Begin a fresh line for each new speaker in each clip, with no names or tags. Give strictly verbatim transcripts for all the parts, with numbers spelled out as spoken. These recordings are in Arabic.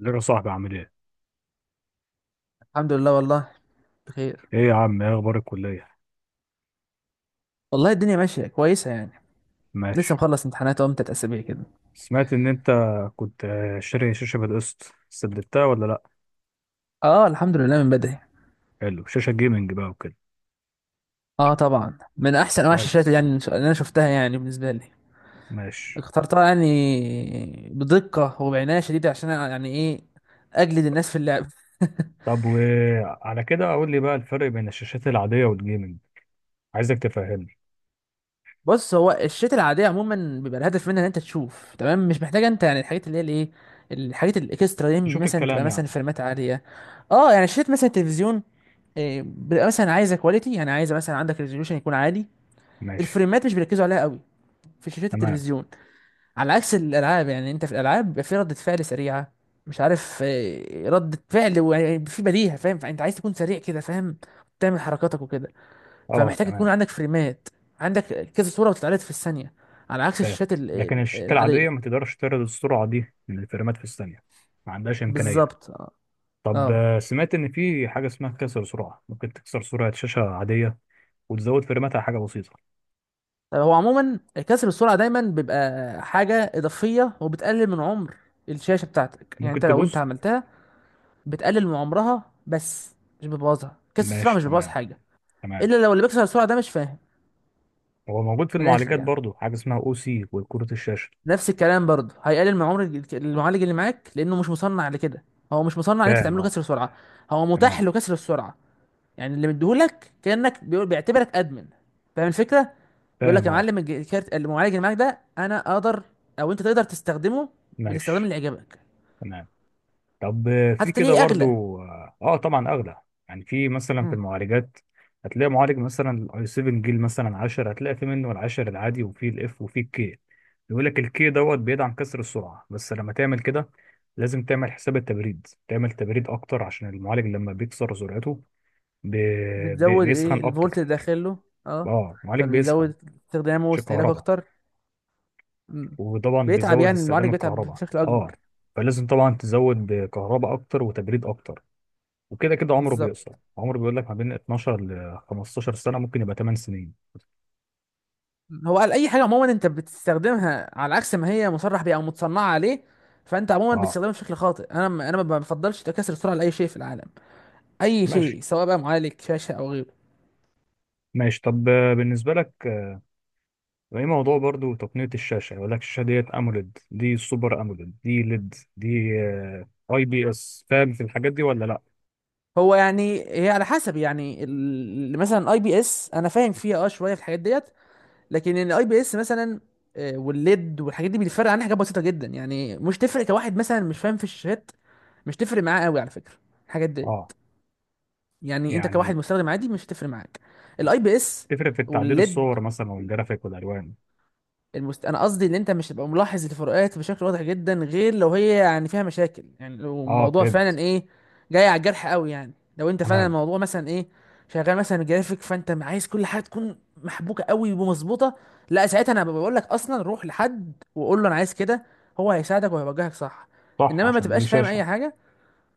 ازيك يا صاحبي عامل ايه؟
الحمد لله. والله بخير.
ايه يا عم، ايه اخبار الكلية؟
والله الدنيا ماشية كويسة يعني. لسه
ماشي.
مخلص امتحانات اهو من تلات أسابيع كده.
سمعت ان انت كنت، آه، شاري شاشة بالقسط، سددتها ولا لا؟
اه الحمد لله من بدري.
حلو، شاشة جيمنج بقى وكده.
اه طبعا من أحسن أنواع الشاشات
كويس.
يعني اللي أنا شفتها يعني بالنسبة لي.
ماشي.
اخترتها يعني بدقة وبعناية شديدة عشان يعني إيه؟ أجلد الناس في اللعب.
طب وعلى كده اقول لي بقى الفرق بين الشاشات العادية والجيمنج. عايزك تفهمني.
بص، هو الشتاء العاديه عموما بيبقى الهدف منها ان انت تشوف تمام، مش محتاجه انت يعني الحاجات اللي هي الايه، الحاجات الاكسترا دي
تشوف
مثلا، تبقى
الكلام
مثلا
يعني.
فريمات عاليه. اه يعني شاشات مثلا التلفزيون، آه، بيبقى مثلا عايزه كواليتي، يعني عايزه مثلا عندك ريزوليوشن يكون عالي.
ماشي،
الفريمات مش بيركزوا عليها قوي في شاشات
تمام.
التلفزيون. على عكس الالعاب، يعني انت في الالعاب بيبقى في ردة فعل سريعه، مش عارف آه، ردة فعل وفي بديهه، فاهم؟ فانت عايز تكون سريع كده، فاهم؟ تعمل حركاتك وكده.
اه
فمحتاج يكون
تمام.
عندك فريمات، عندك كذا صورة بتتعرض في الثانية، على عكس
فاهم.
الشاشات ال-
لكن
ال-
الشاشات العادية
العادية.
ما تقدرش تعرض السرعة دي من الفريمات في الثانية، ما عندهاش إمكانية.
بالظبط اه.
طب
اه
آه، سمعت ان في حاجه اسمها كسر سرعه، ممكن تكسر سرعه شاشه عاديه وتزود فريماتها حاجه بسيطه؟
هو عموما كسر السرعة دايما بيبقى حاجة إضافية وبتقلل من عمر الشاشة بتاعتك، يعني
ممكن
انت لو انت
تبوظ؟
عملتها بتقلل من عمرها بس، مش بتبوظها. كسر السرعة
ماشي،
مش بيبوظ
تمام،
حاجة،
تمام.
إلا لو اللي بيكسر السرعة ده مش فاهم.
هو موجود في
من الآخر
المعالجات
يعني
برضو، حاجه اسمها او سي، وكروت الشاشه.
نفس الكلام برضه، هيقلل من عمر الج- المعالج اللي معاك، لأنه مش مصنع لكده. هو مش مصنع إن أنت
فاهم
تعمله
اه.
كسر سرعة، هو متاح
تمام.
له كسر السرعة، يعني اللي مديهولك كانك بيقول، بيعتبرك ادمن، فاهم الفكره؟ بيقول لك
فاهم
يا
اه.
معلم الج- كارت المعالج اللي معاك ده انا اقدر او انت تقدر تستخدمه بالاستخدام
ماشي.
اللي يعجبك.
تمام. طب آه، في
حتى
كده
تلاقيه اغلى.
برضو، اه آه، طبعا اغلى. يعني في مثلا في
مم.
المعالجات، هتلاقي معالج مثلا الاي سبعة جيل مثلا عشرة، هتلاقي في منه العشر العادي وفي الاف وفي الكي. يقول لك الكي دوت بيدعم كسر السرعه، بس لما تعمل كده لازم تعمل حساب التبريد، تعمل تبريد اكتر، عشان المعالج لما بيكسر سرعته بي... بي...
بتزود ايه؟
بيسخن
الفولت
اكتر.
اللي داخل له. اه،
اه المعالج بيسخن،
فبيزود استخدامه
مش
واستهلاكه
الكهرباء.
اكتر. مم.
وطبعا
بيتعب،
بيزود
يعني المعالج
استخدام
بيتعب
الكهرباء
بشكل
اه.
اكبر.
فلازم طبعا تزود بكهرباء اكتر وتبريد اكتر. وكده كده عمره
بالظبط.
بيقصر. عمره بيقول لك ما بين اتناشر ل خمسة عشر سنه، ممكن يبقى ثمانية سنين.
هو قال اي حاجه عموما انت بتستخدمها على عكس ما هي مصرح بيها او متصنعه عليه، فانت عموما
اه،
بتستخدمها بشكل خاطئ. انا ما- انا ما بفضلش تكسر السرعه لاي شيء في العالم، اي
ماشي،
شيء، سواء بقى معالج، شاشه، او غيره.
ماشي. طب آه، بالنسبه لك، آه، ايه موضوع برضو تقنيه الشاشه؟ يقول لك الشاشه ديت اموليد، دي سوبر اموليد، دي ليد، دي آه، اي بي اس. فاهم في الحاجات دي ولا لا؟
هو يعني هي على حسب يعني ال- مثلا الاي بي اس انا فاهم فيها اه شويه في الحاجات ديت، لكن الاي بي اس مثلا، آه، والليد والحاجات دي بيتفرق عنها حاجات بسيطه جدا، يعني مش تفرق كواحد مثلا مش فاهم في الشاشات، مش تفرق معاه قوي على فكره الحاجات دي.
اه
يعني انت
يعني
كواحد مستخدم عادي مش هتفرق معاك الاي بي اس
تفرق في التعديل
والليد.
الصور مثلا والجرافيك والالوان.
المست... انا قصدي ان انت مش هتبقى ملاحظ الفروقات بشكل واضح جدا، غير لو هي يعني فيها مشاكل، يعني لو
اه
الموضوع فعلا
فهمت.
ايه، جاي على الجرح قوي، يعني لو انت فعلا
تمام.
الموضوع مثلا ايه، شغال مثلا جرافيك، فانت عايز كل حاجه تكون محبوكه قوي ومظبوطه، لا ساعتها انا بقول لك اصلا روح لحد وقول له انا عايز كده، هو هيساعدك وهيوجهك صح.
صح،
انما ما
عشان دي
تبقاش فاهم اي
شاشه.
حاجه.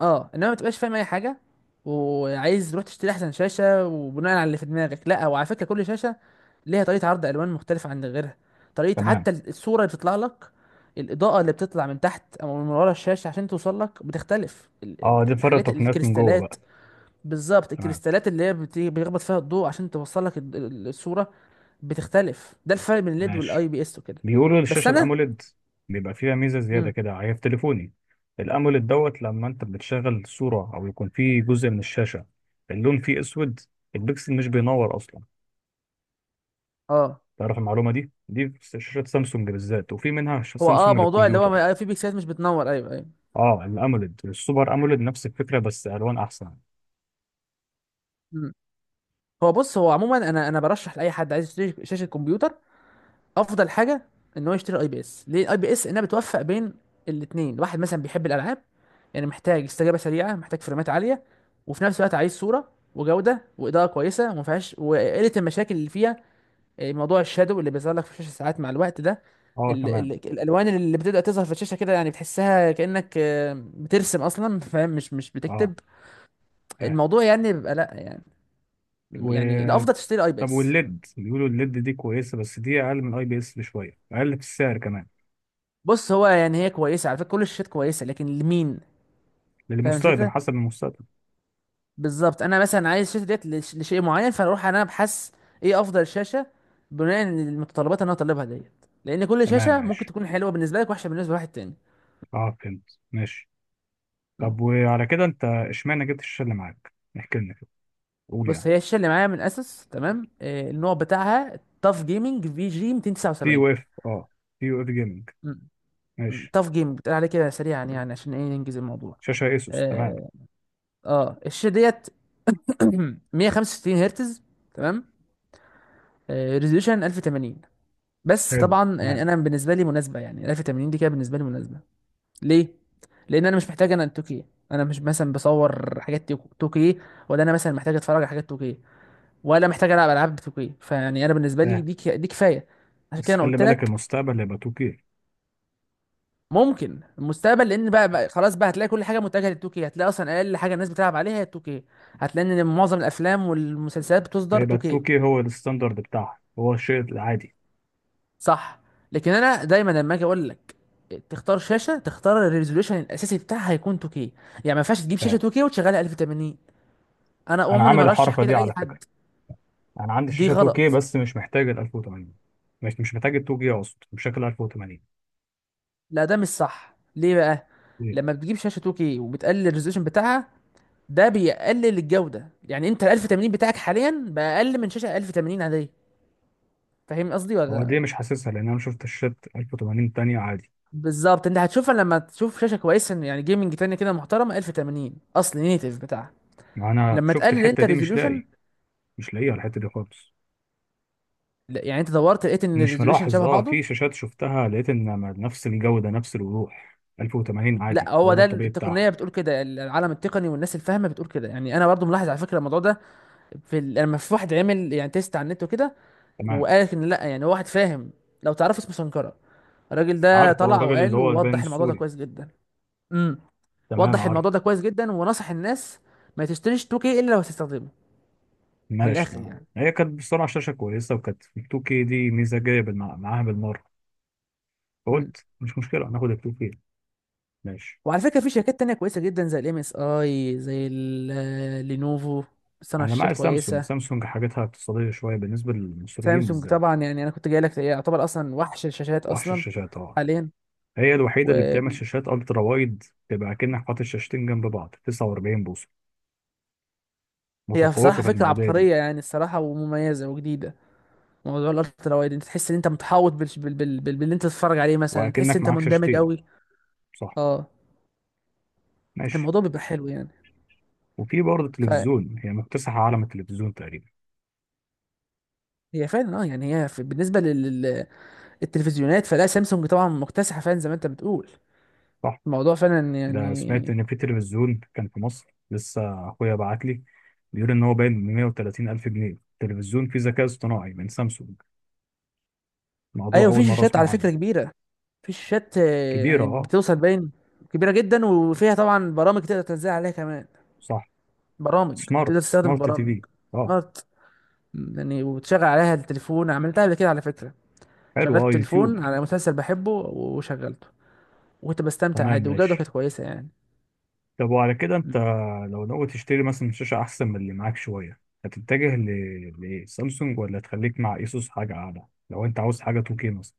اه انما ما تبقاش فاهم اي حاجه وعايز تروح تشتري احسن شاشه وبناء على اللي في دماغك، لا. وعلى فكره كل شاشه ليها طريقة عرض ألوان مختلفة عن غيرها، طريقة
تمام.
حتى الصورة اللي بتطلع لك. الإضاءة اللي بتطلع من تحت أو من ورا الشاشة عشان توصل لك بتختلف، ال-
اه
ال-
دي فرق
الحاجات
تقنيات من جوه
الكريستالات.
بقى.
بالظبط،
تمام،
الكريستالات اللي هي بت- بيخبط فيها الضوء عشان توصل لك ال- ال- الصورة بتختلف. ده الفرق بين الليد
ماشي.
والاي بي اس وكده.
بيقولوا
بس
الشاشة
أنا.
الأموليد بيبقى فيها ميزة زيادة
امم.
كده، هي في تليفوني. الأموليد دوت لما أنت بتشغل صورة أو يكون فيه جزء من الشاشة اللون فيه أسود، البكسل مش بينور أصلا.
اه
تعرف المعلومة دي؟ دي في شاشات سامسونج بالذات، وفي منها ش-
هو اه
سامسونج
موضوع اللي هو
للكمبيوتر.
ما- في بيكسلات مش بتنور، ايوه ايوه.
اه الأموليد، السوبر أموليد نفس الفكرة بس ألوان أحسن.
مم. هو بص، هو عموما انا انا برشح لاي حد عايز يشتري شاشه كمبيوتر، افضل حاجه ان هو يشتري اي بي اس. ليه الاي بي اس؟ انها بتوفق بين الاثنين. واحد مثلا بيحب الالعاب، يعني محتاج استجابه سريعه، محتاج فريمات عاليه، وفي نفس الوقت عايز صوره وجوده واضاءه كويسه وما فيهاش وقله المشاكل اللي فيها، آه، موضوع الشادو اللي بيظهر لك في الشاشه ساعات مع الوقت ده،
اه
ال
تمام.
ال الالوان اللي بتبدا تظهر في الشاشه كده، يعني بتحسها كانك آه، بترسم اصلا، فاهم؟ مش مش
اه
بتكتب
فاهم.
الموضوع، يعني بيبقى لا يعني، يعني الافضل
و
تشتري اي بي
طب
اس.
والليد، بيقولوا الليد دي كويسة، بس دي أقل من أي بي إس بشوية، أقل في السعر كمان.
بص هو يعني هي كويسه على فكره، كل الشاشات كويسه، لكن لمين؟ فاهم
للمستخدم،
الفكره؟
حسب المستخدم.
بالظبط، انا مثلا عايز الشاشه ديت لش- لشيء معين، فاروح انا ابحث ايه افضل شاشه بناء على المتطلبات اللي انا طالبها ديت، لان كل
تمام
شاشه ممكن
ماشي.
تكون حلوه بالنسبه لك وحشه بالنسبه لواحد تاني.
اه فهمت ماشي.
مم.
طب وعلى كده انت اشمعنى جبت الشاشه اللي معاك؟ احكي لنا كده، قول
بص،
يعني.
هي الشاشه اللي معايا من اسس، تمام؟ آه، النوع بتاعها تاف جيمنج في جي
تي
مئتين وتسعة وسبعين.
يو اف. اه. تي يو اف جيمنج.
مم.
ماشي.
تاف جيمنج، بتقول عليه كده سريعا مم. يعني عشان ايه، ننجز الموضوع.
شاشه ايسوس، تمام.
اه, آه الشاشه ديت مية وخمسة وستين هرتز، تمام؟ آه ريزوليوشن ألف وثمانين، بس
حلو
طبعا يعني
تمام.
انا بالنسبه لي مناسبه، يعني ألف وثمانين دي كده بالنسبه لي مناسبه. ليه؟ لان انا مش محتاج انا التوكي، انا مش مثلا بصور حاجات توك- توكي، ولا انا مثلا محتاج اتفرج على حاجات توكي، ولا محتاج العب العاب توكي، فيعني انا بالنسبه لي
فاهم.
دي ك- دي كفايه. عشان
بس
كده انا
خلي
قلت
بالك
لك.
المستقبل هيبقى توكي.
ممكن المستقبل، لان بقى, بقى خلاص بقى هتلاقي كل حاجه متجهه للتوكي، هتلاقي اصلا اقل حاجه الناس بتلعب عليها هي التوكي، هتلاقي ان معظم الافلام والمسلسلات بتصدر
هيبقى
توكي.
توكي هو الستاندرد بتاعها، هو الشيء العادي.
صح. لكن انا دايما لما اجي اقول لك تختار شاشه، تختار الريزولوشن الاساسي بتاعها هيكون تو كيه يعني، ما ينفعش تجيب شاشه
فاهم.
تو كيه وتشغلها ألف وثمانين. انا
انا
عمري
عامل
ما رشح
الحركه
كده
دي
لاي
على فكره.
حد.
انا عندي
دي
شاشه توكي
غلط.
بس مش محتاج ال ألف وتمانين. مش مش محتاج ال توكي، اقصد بشكل عشرة تمانين.
لا ده مش صح. ليه بقى؟
ليه؟
لما بتجيب شاشه تو كيه وبتقلل الريزولوشن بتاعها، ده بيقلل الجوده، يعني انت ال ألف وثمانين بتاعك حاليا بقى اقل من شاشه ألف وثمانين عاديه. فاهم قصدي
هو دي
ولا؟
مش حاسسها لان انا شفت الشات ألف وتمانين تانية عادي.
بالظبط، انت هتشوفها لما تشوف شاشه كويسه، يعني جيمنج تانية كده محترمه ألف وثمانين، اصل نيتيف بتاعها،
ما انا
لما
شفت
تقلل انت
الحته دي، مش
الريزولوشن.
لاقي. مش لاقيها الحتة دي خالص.
لا، يعني انت دورت لقيت ان
مش
الريزولوشن
ملاحظ.
شبه
اه
بعضه.
في شاشات شفتها لقيت ان، ما- نفس الجودة، نفس الوضوح ألف وتمانين
لا،
عادي، هو
هو
ده
ده
الطبيعي بتاعها.
التقنيه بتقول كده، العالم التقني والناس الفاهمه بتقول كده. يعني انا برضو ملاحظ على فكره الموضوع ده في ال... لما في واحد عمل يعني تيست على النت وكده،
تمام،
وقالت ان لا يعني، هو واحد فاهم، لو تعرفوا اسمه سنكرة. الراجل ده
عارفه. هو
طلع
الراجل اللي
وقال،
هو البان
ووضح الموضوع ده
السوري؟
كويس جدا. امم.
تمام
وضح
عارفه.
الموضوع ده كويس جدا ونصح الناس ما تشتريش تو كيه الا لو هتستخدمه. من
ماشي،
الاخر
تمام.
يعني.
هي كانت بصراحة شاشة كويسة، وكانت ال توكي دي ميزة جاية بالمع- معاها بالمرة.
امم.
فقلت مش مشكلة ناخد ال توكي. ماشي.
وعلى فكره في شركات تانية كويسه جدا زي الام اس اي، زي ال- آه، لينوفو، بتصنع
انا
شاشات
معايا سامسونج.
كويسه.
سامسونج حاجاتها اقتصادية شوية بالنسبة للمصريين
سامسونج
بالذات.
طبعا يعني انا كنت جاي لك، يعتبر اصلا وحش الشاشات
وحش
اصلا
الشاشات طبعا.
حاليا.
هي الوحيدة اللي
وهي
بتعمل شاشات الترا وايد، تبقى كأنك حاطط شاشتين جنب بعض، تسعة واربعين بوصة.
بصراحه
متفوقة في
فكره
المواضيع دي.
عبقريه يعني الصراحه، ومميزه وجديده، موضوع الالترا وايد، انت تحس ان انت متحوط بال... بال... بال... بال... باللي انت تتفرج عليه، مثلا تحس
وأكنك
انت
معاك
مندمج
شاشتين.
قوي.
صح.
اه.
ماشي.
الموضوع بيبقى حلو يعني.
وفي برضه
فهي
تلفزيون، هي مكتسحة عالم التلفزيون تقريبا.
فعلا اه، يعني هي في... بالنسبه لل- لل- للتلفزيونات، فلا سامسونج طبعا مكتسحه فعلا زي ما انت بتقول.
صح.
الموضوع فعلا
ده سمعت
يعني.
إن في تلفزيون كان في مصر، لسه أخويا بعت لي، بيقول إن هو باين ب مئة وثلاثين ألف جنيه، تلفزيون فيه ذكاء اصطناعي من سامسونج. موضوع
ايوه
أول
في
مرة
شاشات على
أسمع عنه.
فكره كبيره، في شاشات آه،
كبيرة
يعني
أه.
بتوصل باين، كبيره جدا، وفيها طبعا برامج تقدر تنزل عليها كمان،
صح.
برامج
سمارت،
تقدر تستخدم
سمارت تي
برامج
في. أه.
سمارت يعني، وتشغل عليها التليفون، عملتها قبل كده على فكره،
حلو أه،
شغلت
يوتيوب.
تليفون على مسلسل بحبه وشغلته، وكنت بستمتع
تمام
عادي، وجوده
ماشي.
كانت كويسه يعني.
طب وعلى كده
مم.
انت لو ناوي تشتري مثلا شاشة احسن من اللي معاك شوية، هتتجه ل... لسامسونج ولا تخليك مع ايسوس حاجة اعلى لو انت عاوز حاجة توكي مثلا؟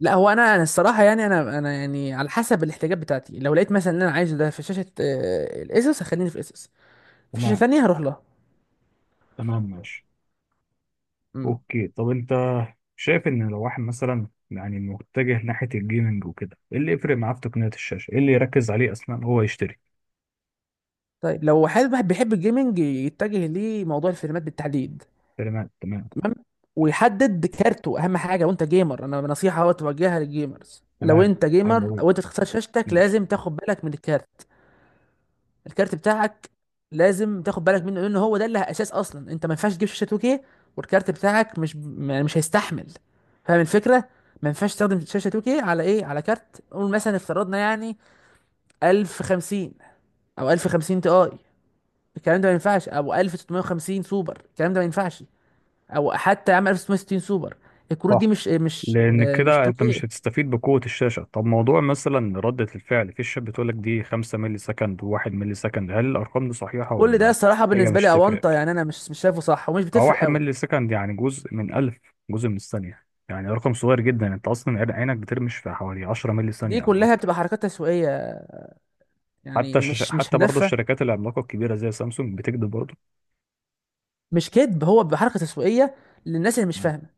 لا هو انا انا الصراحه يعني انا انا يعني على حسب الاحتياجات بتاعتي، لو لقيت مثلا ان انا عايزه ده في شاشه آه، الاسوس، هخليني في اسوس. في شاشه
تمام،
ثانيه هروح لها.
تمام، ماشي،
امم.
اوكي. طب انت شايف ان لو واحد مثلا يعني متجه ناحية الجيمنج وكده، ايه اللي يفرق معاه في تقنية الشاشة، ايه اللي يركز عليه اصلا هو يشتري؟
طيب لو حد، واحد بيحب الجيمنج، يتجه لموضوع الفريمات بالتحديد.
تمام، تمام،
تمام. ويحدد كارته اهم حاجه. وانت جيمر، انا نصيحه اهو توجهها للجيمرز، لو
تمام،
انت جيمر
حلو،
وانت تختار شاشتك
ماشي.
لازم تاخد بالك من الكارت. الكارت بتاعك لازم تاخد بالك منه، لان هو ده اللي اساس اصلا. انت ما ينفعش تجيب شاشه تو كيه والكارت بتاعك مش يعني مش هيستحمل، فاهم الفكره؟ ما ينفعش تستخدم شاشه تو كيه على ايه، على كارت قول مثلا افترضنا يعني ألف وخمسين، او ألف وخمسين تي اي، الكلام ده ما ينفعش، او ألف وستمية وخمسين سوبر الكلام ده ما ينفعش، او حتى يا عم ستاشر ستين سوبر، الكروت دي
صح،
مش مش
لان
مش
كده انت مش
تو كيه.
هتستفيد بقوه الشاشه. طب موضوع مثلا رده الفعل في الشات بتقول لك دي خمسة مللي سكند و1 مللي سكند، هل الارقام دي صحيحه
كل ده
ولا؟
الصراحه
هي
بالنسبه
مش
لي
هتفرق؟
اونطه يعني، انا مش مش شايفه صح، ومش
هو
بتفرق
واحد
قوي.
مللي سكند يعني جزء من ألف، جزء من الثانيه، يعني رقم صغير جدا. انت اصلا عين- عينك بترمش في حوالي عشرة مللي ثانيه
دي
او
كلها بتبقى
اكتر.
حركات تسويقيه يعني،
حتى شش...
مش مش
حتى برضه
هدف.
الشركات العملاقه الكبيره زي سامسونج بتكذب برضه.
مش كذب، هو بحركه تسويقيه للناس اللي مش
مم.
فاهمه.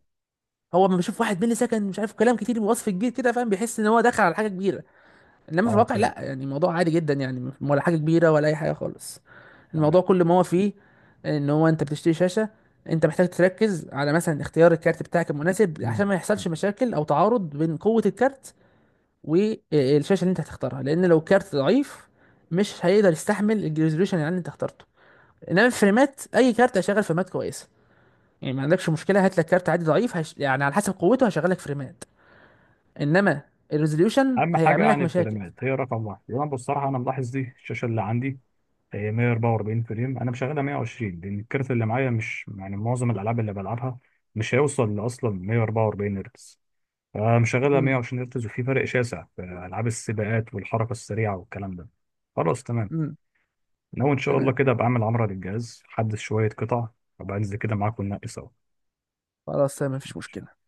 هو لما بيشوف واحد ملي سكند مش عارف كلام كتير بوصف كبير كده، فاهم؟ بيحس ان هو دخل على حاجه كبيره، انما في
اه
الواقع لا،
فهمت.
يعني الموضوع عادي جدا يعني، ولا حاجه كبيره ولا اي حاجه خالص.
تمام.
الموضوع كل ما هو فيه ان هو انت بتشتري شاشه، انت محتاج تركز على مثلا اختيار الكارت بتاعك المناسب عشان
مم.
ما يحصلش مشاكل او تعارض بين قوه الكارت والشاشه اللي انت هتختارها، لان لو الكارت ضعيف مش هيقدر يستحمل الريزوليوشن اللي انت اخترته. انما الفريمات، اي كارت هيشغل فريمات كويسه، يعني ما عندكش مشكله، هات لك كارت عادي ضعيف هش... يعني على حسب قوته هشغل لك فريمات، انما الريزوليوشن
اهم حاجه
هيعمل لك
يعني
مشاكل.
الفريمات هي رقم واحد. يعني أنا بصراحه انا ملاحظ دي، الشاشه اللي عندي هي مئة وأربعة وأربعين فريم، انا مشغلها مية وعشرين لان الكارت اللي معايا مش، يعني معظم الالعاب اللي بلعبها مش هيوصل اصلا مية واربعه واربعين هرتز، فمشغلها
امم.
مئة وعشرين هرتز، وفي فرق شاسع في العاب السباقات والحركه السريعه والكلام ده. خلاص تمام.
امم.
ناوي ان شاء الله
تمام.
كده ابقى اعمل عمره للجهاز، حدث شويه قطع، وابقى انزل كده معاك وننقي سوا.
خلاص تمام، مفيش مشكله.